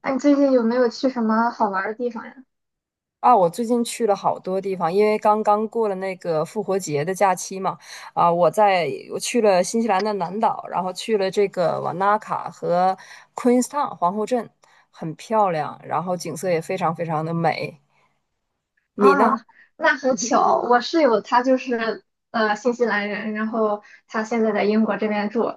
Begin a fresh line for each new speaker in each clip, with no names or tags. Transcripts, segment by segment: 哎，你最近有没有去什么好玩儿的地方呀？
啊，我最近去了好多地方，因为刚刚过了那个复活节的假期嘛。啊，我去了新西兰的南岛，然后去了这个瓦纳卡和 Queenstown 皇后镇。很漂亮，然后景色也非常非常的美。你呢？
啊，那很巧，我室友他就是新西兰人，然后他现在在英国这边住，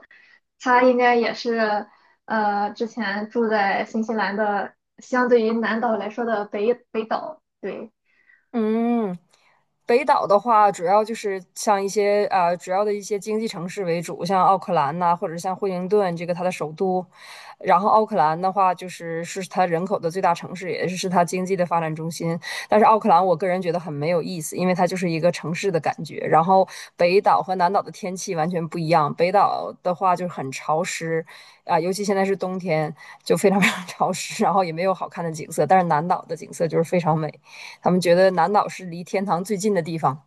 他应该也是之前住在新西兰的相对于南岛来说的北岛，对。
嗯，北岛的话，主要就是像一些主要的一些经济城市为主，像奥克兰呐、或者像惠灵顿这个它的首都。然后奥克兰的话，就是它人口的最大城市，也是它经济的发展中心。但是奥克兰，我个人觉得很没有意思，因为它就是一个城市的感觉。然后北岛和南岛的天气完全不一样，北岛的话就是很潮湿啊、尤其现在是冬天，就非常非常潮湿，然后也没有好看的景色。但是南岛的景色就是非常美。他们觉得南岛是离天堂最近的地方。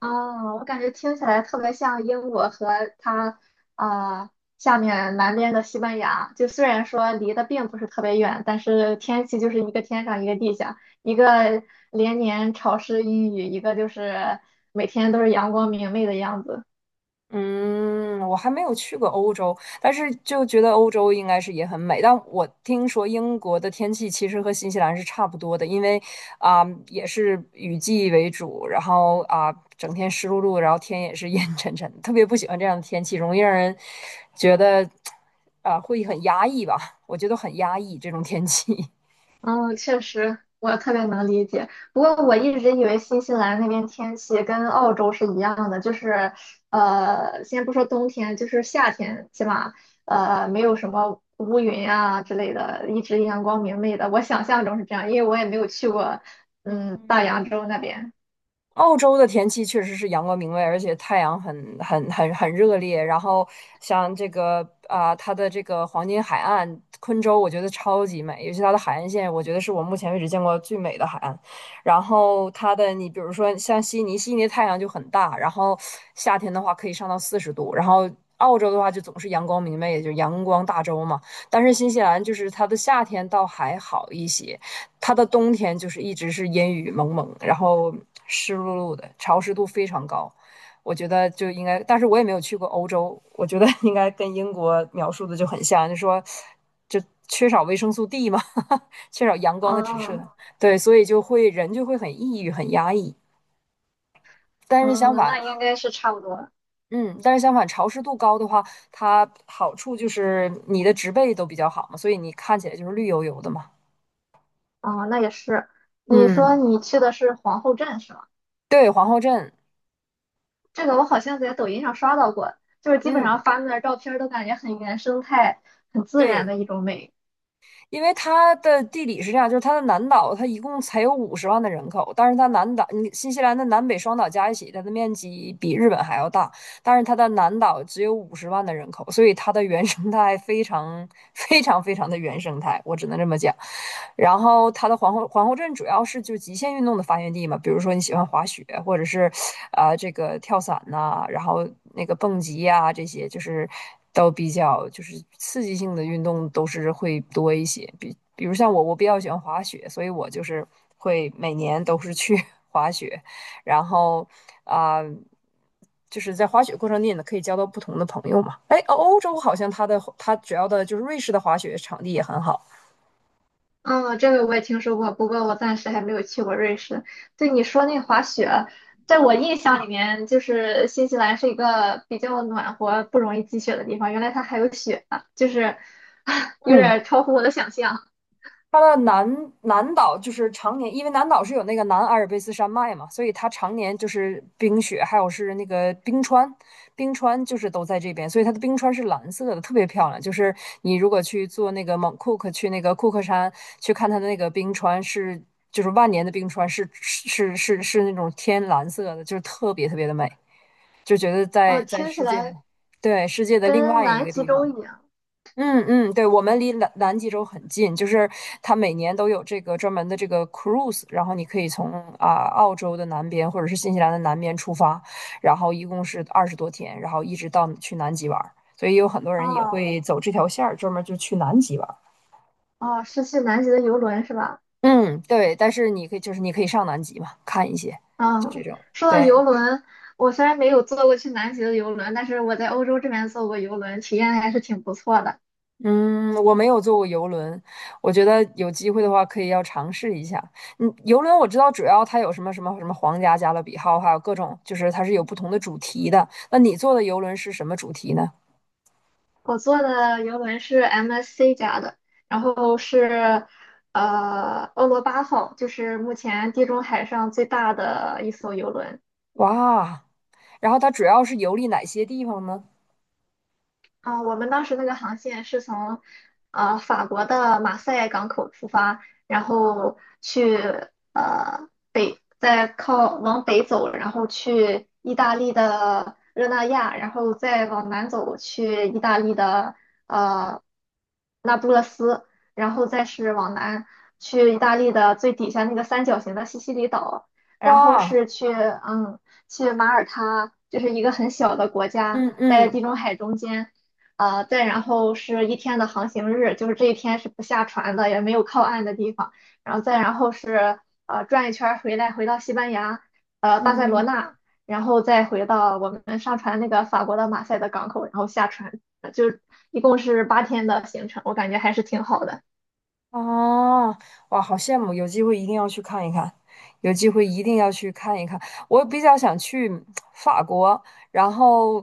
哦，我感觉听起来特别像英国和它啊、呃下面南边的西班牙。就虽然说离得并不是特别远，但是天气就是一个天上一个地下，一个连年潮湿阴雨，一个就是每天都是阳光明媚的样子。
嗯，我还没有去过欧洲，但是就觉得欧洲应该是也很美。但我听说英国的天气其实和新西兰是差不多的，因为也是雨季为主，然后整天湿漉漉，然后天也是 阴沉沉的，特别不喜欢这样的天气，容易让人觉得会很压抑吧？我觉得很压抑这种天气。
嗯，确实，我特别能理解。不过我一直以为新西兰那边天气跟澳洲是一样的，就是先不说冬天，就是夏天，起码没有什么乌云啊之类的，一直阳光明媚的。我想象中是这样，因为我也没有去过 嗯
嗯，
大洋洲那边。
澳洲的天气确实是阳光明媚，而且太阳很热烈。然后像它的这个黄金海岸昆州，我觉得超级美，尤其它的海岸线，我觉得是我目前为止见过最美的海岸。然后你比如说像悉尼，悉尼的太阳就很大，然后夏天的话可以上到40度。然后澳洲的话就总是阳光明媚，也就阳光大洲嘛。但是新西兰就是它的夏天倒还好一些，它的冬天就是一直是阴雨蒙蒙，然后湿漉漉的，潮湿度非常高。我觉得就应该，但是我也没有去过欧洲，我觉得应该跟英国描述的就很像，就缺少维生素 D 嘛，缺少阳光的直射，
哦，
对，所以人就会很抑郁、很压抑。但是相
嗯，
反，
那应该是差不多。
嗯，但是相反，潮湿度高的话，它好处就是你的植被都比较好嘛，所以你看起来就是绿油油的嘛。
哦，那也是。你说
嗯，
你去的是皇后镇是吗？
对，皇后镇，
这个我好像在抖音上刷到过，就是基本
嗯，
上发那照片儿都感觉很原生态、很自然
对。
的一种美。
因为它的地理是这样，就是它的南岛，它一共才有五十万的人口，但是它南岛，你新西兰的南北双岛加一起，它的面积比日本还要大，但是它的南岛只有五十万的人口，所以它的原生态非常非常非常的原生态，我只能这么讲。然后它的皇后镇主要是就极限运动的发源地嘛，比如说你喜欢滑雪，或者是这个跳伞呐、然后那个蹦极呀、这些就是都比较就是刺激性的运动都是会多一些。比如像我，我比较喜欢滑雪，所以我就是会每年都是去 滑雪，然后啊。就是在滑雪过程中，呢，可以交到不同的朋友嘛。哎，欧洲好像它主要的就是瑞士的滑雪场地也很好。
嗯，这个我也听说过，不过我暂时还没有去过瑞士。对你说那滑雪，在我印象里面，就是新西兰是一个比较暖和、不容易积雪的地方，原来它还有雪啊，就是 有
嗯，
点超乎我的想象。
它的南岛就是常年，因为南岛是有那个南阿尔卑斯山脉嘛，所以它常年就是冰雪，还有是那个冰川，冰川就是都在这边，所以它的冰川是蓝色的，特别漂亮。就是你如果去坐那个蒙库克，去那个库克山去看它的那个冰川是，就是万年的冰川是那种天蓝色的，就是特别特别的美，就觉得
哦，
在
听起
世界的，
来
对，世界的另
跟
外一
南
个
极
地
洲一
方。
样。
嗯嗯，对，我们离南极洲很近，就是它每年都有这个专门的这个 cruise，然后你可以从澳洲的南边或者是新西兰的南边出发，然后一共是20多天，然后一直到去南极玩儿，所以有很多人也
哦
会走这条线儿，专门就去南极玩儿。
哦，是去南极的游轮是吧？
嗯，对，但是你可以上南极嘛，看一些，就这
嗯，
种，
说到
对。
游轮，我虽然没有坐过去南极的游轮，但是我在欧洲这边坐过游轮，体验还是挺不错的。
嗯，我没有坐过游轮，我觉得有机会的话可以要尝试一下。嗯，游轮我知道主要它有什么什么什么皇家加勒比号，还有各种就是它是有不同的主题的。那你坐的游轮是什么主题呢？
我坐的游轮是 MSC 家的，然后是欧罗巴号，就是目前地中海上最大的一艘游轮。
哇，然后它主要是游历哪些地方呢？
啊、我们当时那个航线是从法国的马赛港口出发，然后去北，再靠往北走，然后去意大利的热那亚，然后再往南走去意大利的呃那不勒斯，然后再是往南去意大利的最底下那个三角形的西西里岛，然后
哇，
是去嗯去马耳他，就是一个很小的国家，
嗯
在
嗯
地中海中间。呃，再然后是一天的航行日，就是这一天是不下船的，也没有靠岸的地方。然后再然后是转一圈儿回来，回到西班牙，巴塞罗
嗯。
那，然后再回到我们上船那个法国的马赛的港口，然后下船，就一共是八天的行程，我感觉还是挺好的。
啊，哇，好羡慕！有机会一定要去看一看，有机会一定要去看一看。我比较想去法国，然后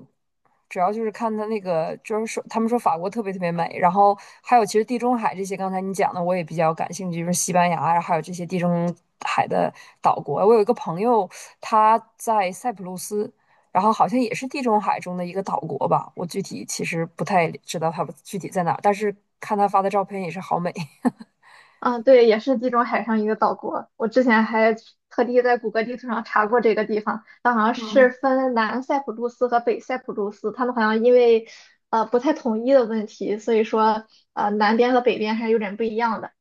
主要就是看他那个，就是说他们说法国特别特别美，然后还有其实地中海这些，刚才你讲的我也比较感兴趣，就是西班牙呀，还有这些地中海的岛国。我有一个朋友，他在塞浦路斯。然后好像也是地中海中的一个岛国吧，我具体其实不太知道他具体在哪儿，但是看他发的照片也是好美。
嗯，对，也是地中海上一个岛国。我之前还特地在谷歌地图上查过这个地方，它好像是
嗯，
分南塞浦路斯和北塞浦路斯，他们好像因为不太统一的问题，所以说南边和北边还是有点不一样的。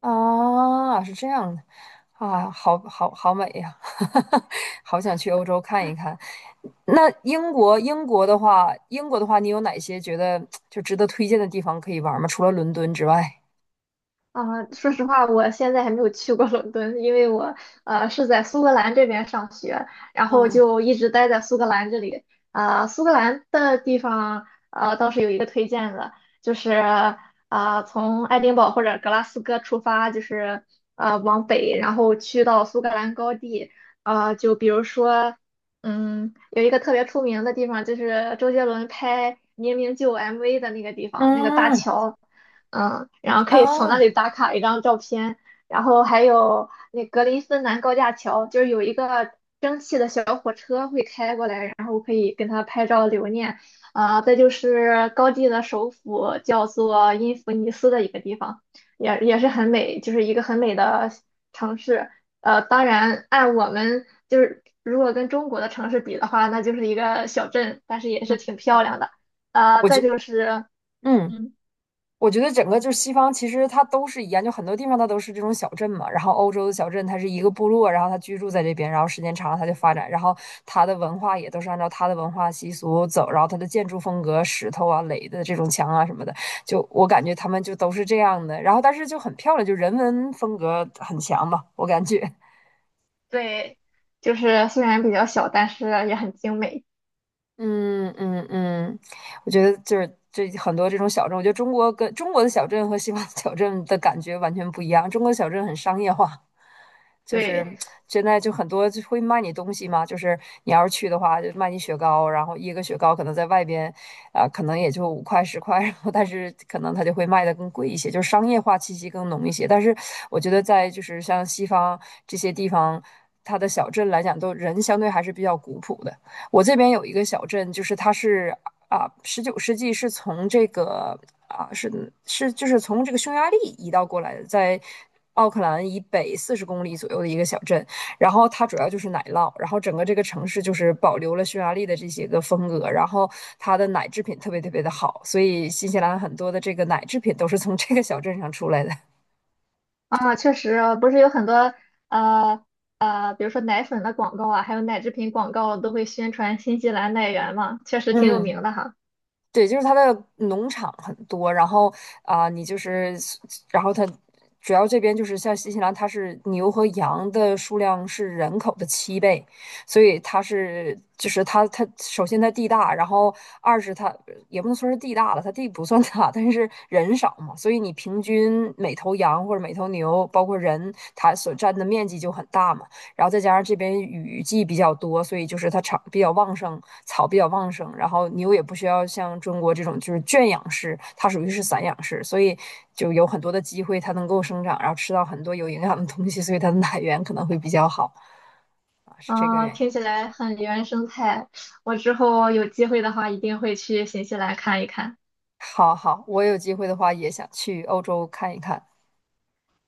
啊，是这样的，啊，好好好美呀，好想去欧洲看一看。那英国，英国的话，英国的话，你有哪些觉得就值得推荐的地方可以玩吗？除了伦敦之外。
啊，说实话，我现在还没有去过伦敦，因为我是在苏格兰这边上学，然后
嗯
就一直待在苏格兰这里。啊、苏格兰的地方倒是有一个推荐的，就是啊、从爱丁堡或者格拉斯哥出发，就是往北，然后去到苏格兰高地。啊、就比如说，嗯，有一个特别出名的地方，就是周杰伦拍《明明就》MV 的那个地方，那个大
嗯
桥。嗯，然后可以从那
啊，
里打卡一张照片，然后还有那格林芬兰高架桥，就是有一个蒸汽的小火车会开过来，然后可以跟它拍照留念。啊、再就是高地的首府叫做因弗尼斯的一个地方，也是很美，就是一个很美的城市。呃，当然按我们就是如果跟中国的城市比的话，那就是一个小镇，但是也是
嗯，
挺漂亮的。呃，
我
再
就
就是。
嗯。
嗯。
我觉得整个就是西方，其实它都是一样，就很多地方它都是这种小镇嘛。然后欧洲的小镇，它是一个部落，然后它居住在这边，然后时间长了它就发展，然后它的文化也都是按照它的文化习俗走，然后它的建筑风格，石头啊垒的这种墙啊什么的，就我感觉他们就都是这样的。然后但是就很漂亮，就人文风格很强嘛，我感觉。
对，就是虽然比较小，但是也很精美。
嗯嗯嗯，我觉得就是这很多这种小镇，我觉得中国的小镇和西方的小镇的感觉完全不一样。中国的小镇很商业化，就是
对，
现在就很多就会卖你东西嘛，就是你要是去的话，就卖你雪糕，然后一个雪糕可能在外边可能也就5块10块，然后但是可能它就会卖的更贵一些，就是商业化气息更浓一些。但是我觉得在就是像西方这些地方，它的小镇来讲，都人相对还是比较古朴的。我这边有一个小镇，就是它是19世纪是从这个啊是是就是从这个匈牙利移到过来的，在奥克兰以北40公里左右的一个小镇。然后它主要就是奶酪，然后整个这个城市就是保留了匈牙利的这些个风格，然后它的奶制品特别特别的好，所以新西兰很多的这个奶制品都是从这个小镇上出来的。
啊，确实，不是有很多呃，比如说奶粉的广告啊，还有奶制品广告都会宣传新西兰奶源嘛，确实挺有
嗯
名的哈。
对，就是它的农场很多，然后你就是，然后它主要这边就是像新西兰，它是牛和羊的数量是人口的7倍，所以它是就是它它首先它地大，然后二是它也不能说是地大了，它地不算大，但是人少嘛，所以你平均每头羊或者每头牛，包括人，它所占的面积就很大嘛。然后再加上这边雨季比较多，所以就是它草比较旺盛，草比较旺盛，然后牛也不需要像中国这种就是圈养式，它属于是散养式，所以就有很多的机会它能够生长，然后吃到很多有营养的东西，所以它的奶源可能会比较好啊，是这个
啊，
原因。
听起来很原生态。我之后有机会的话，一定会去新西兰看一看。
好好，我有机会的话也想去欧洲看一看。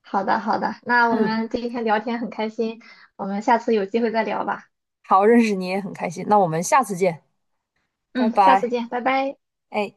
好的，好的，那我
嗯，
们今天聊天很开心，我们下次有机会再聊吧。
好，认识你也很开心，那我们下次见，拜
嗯，下次
拜。
见，拜拜。
哎。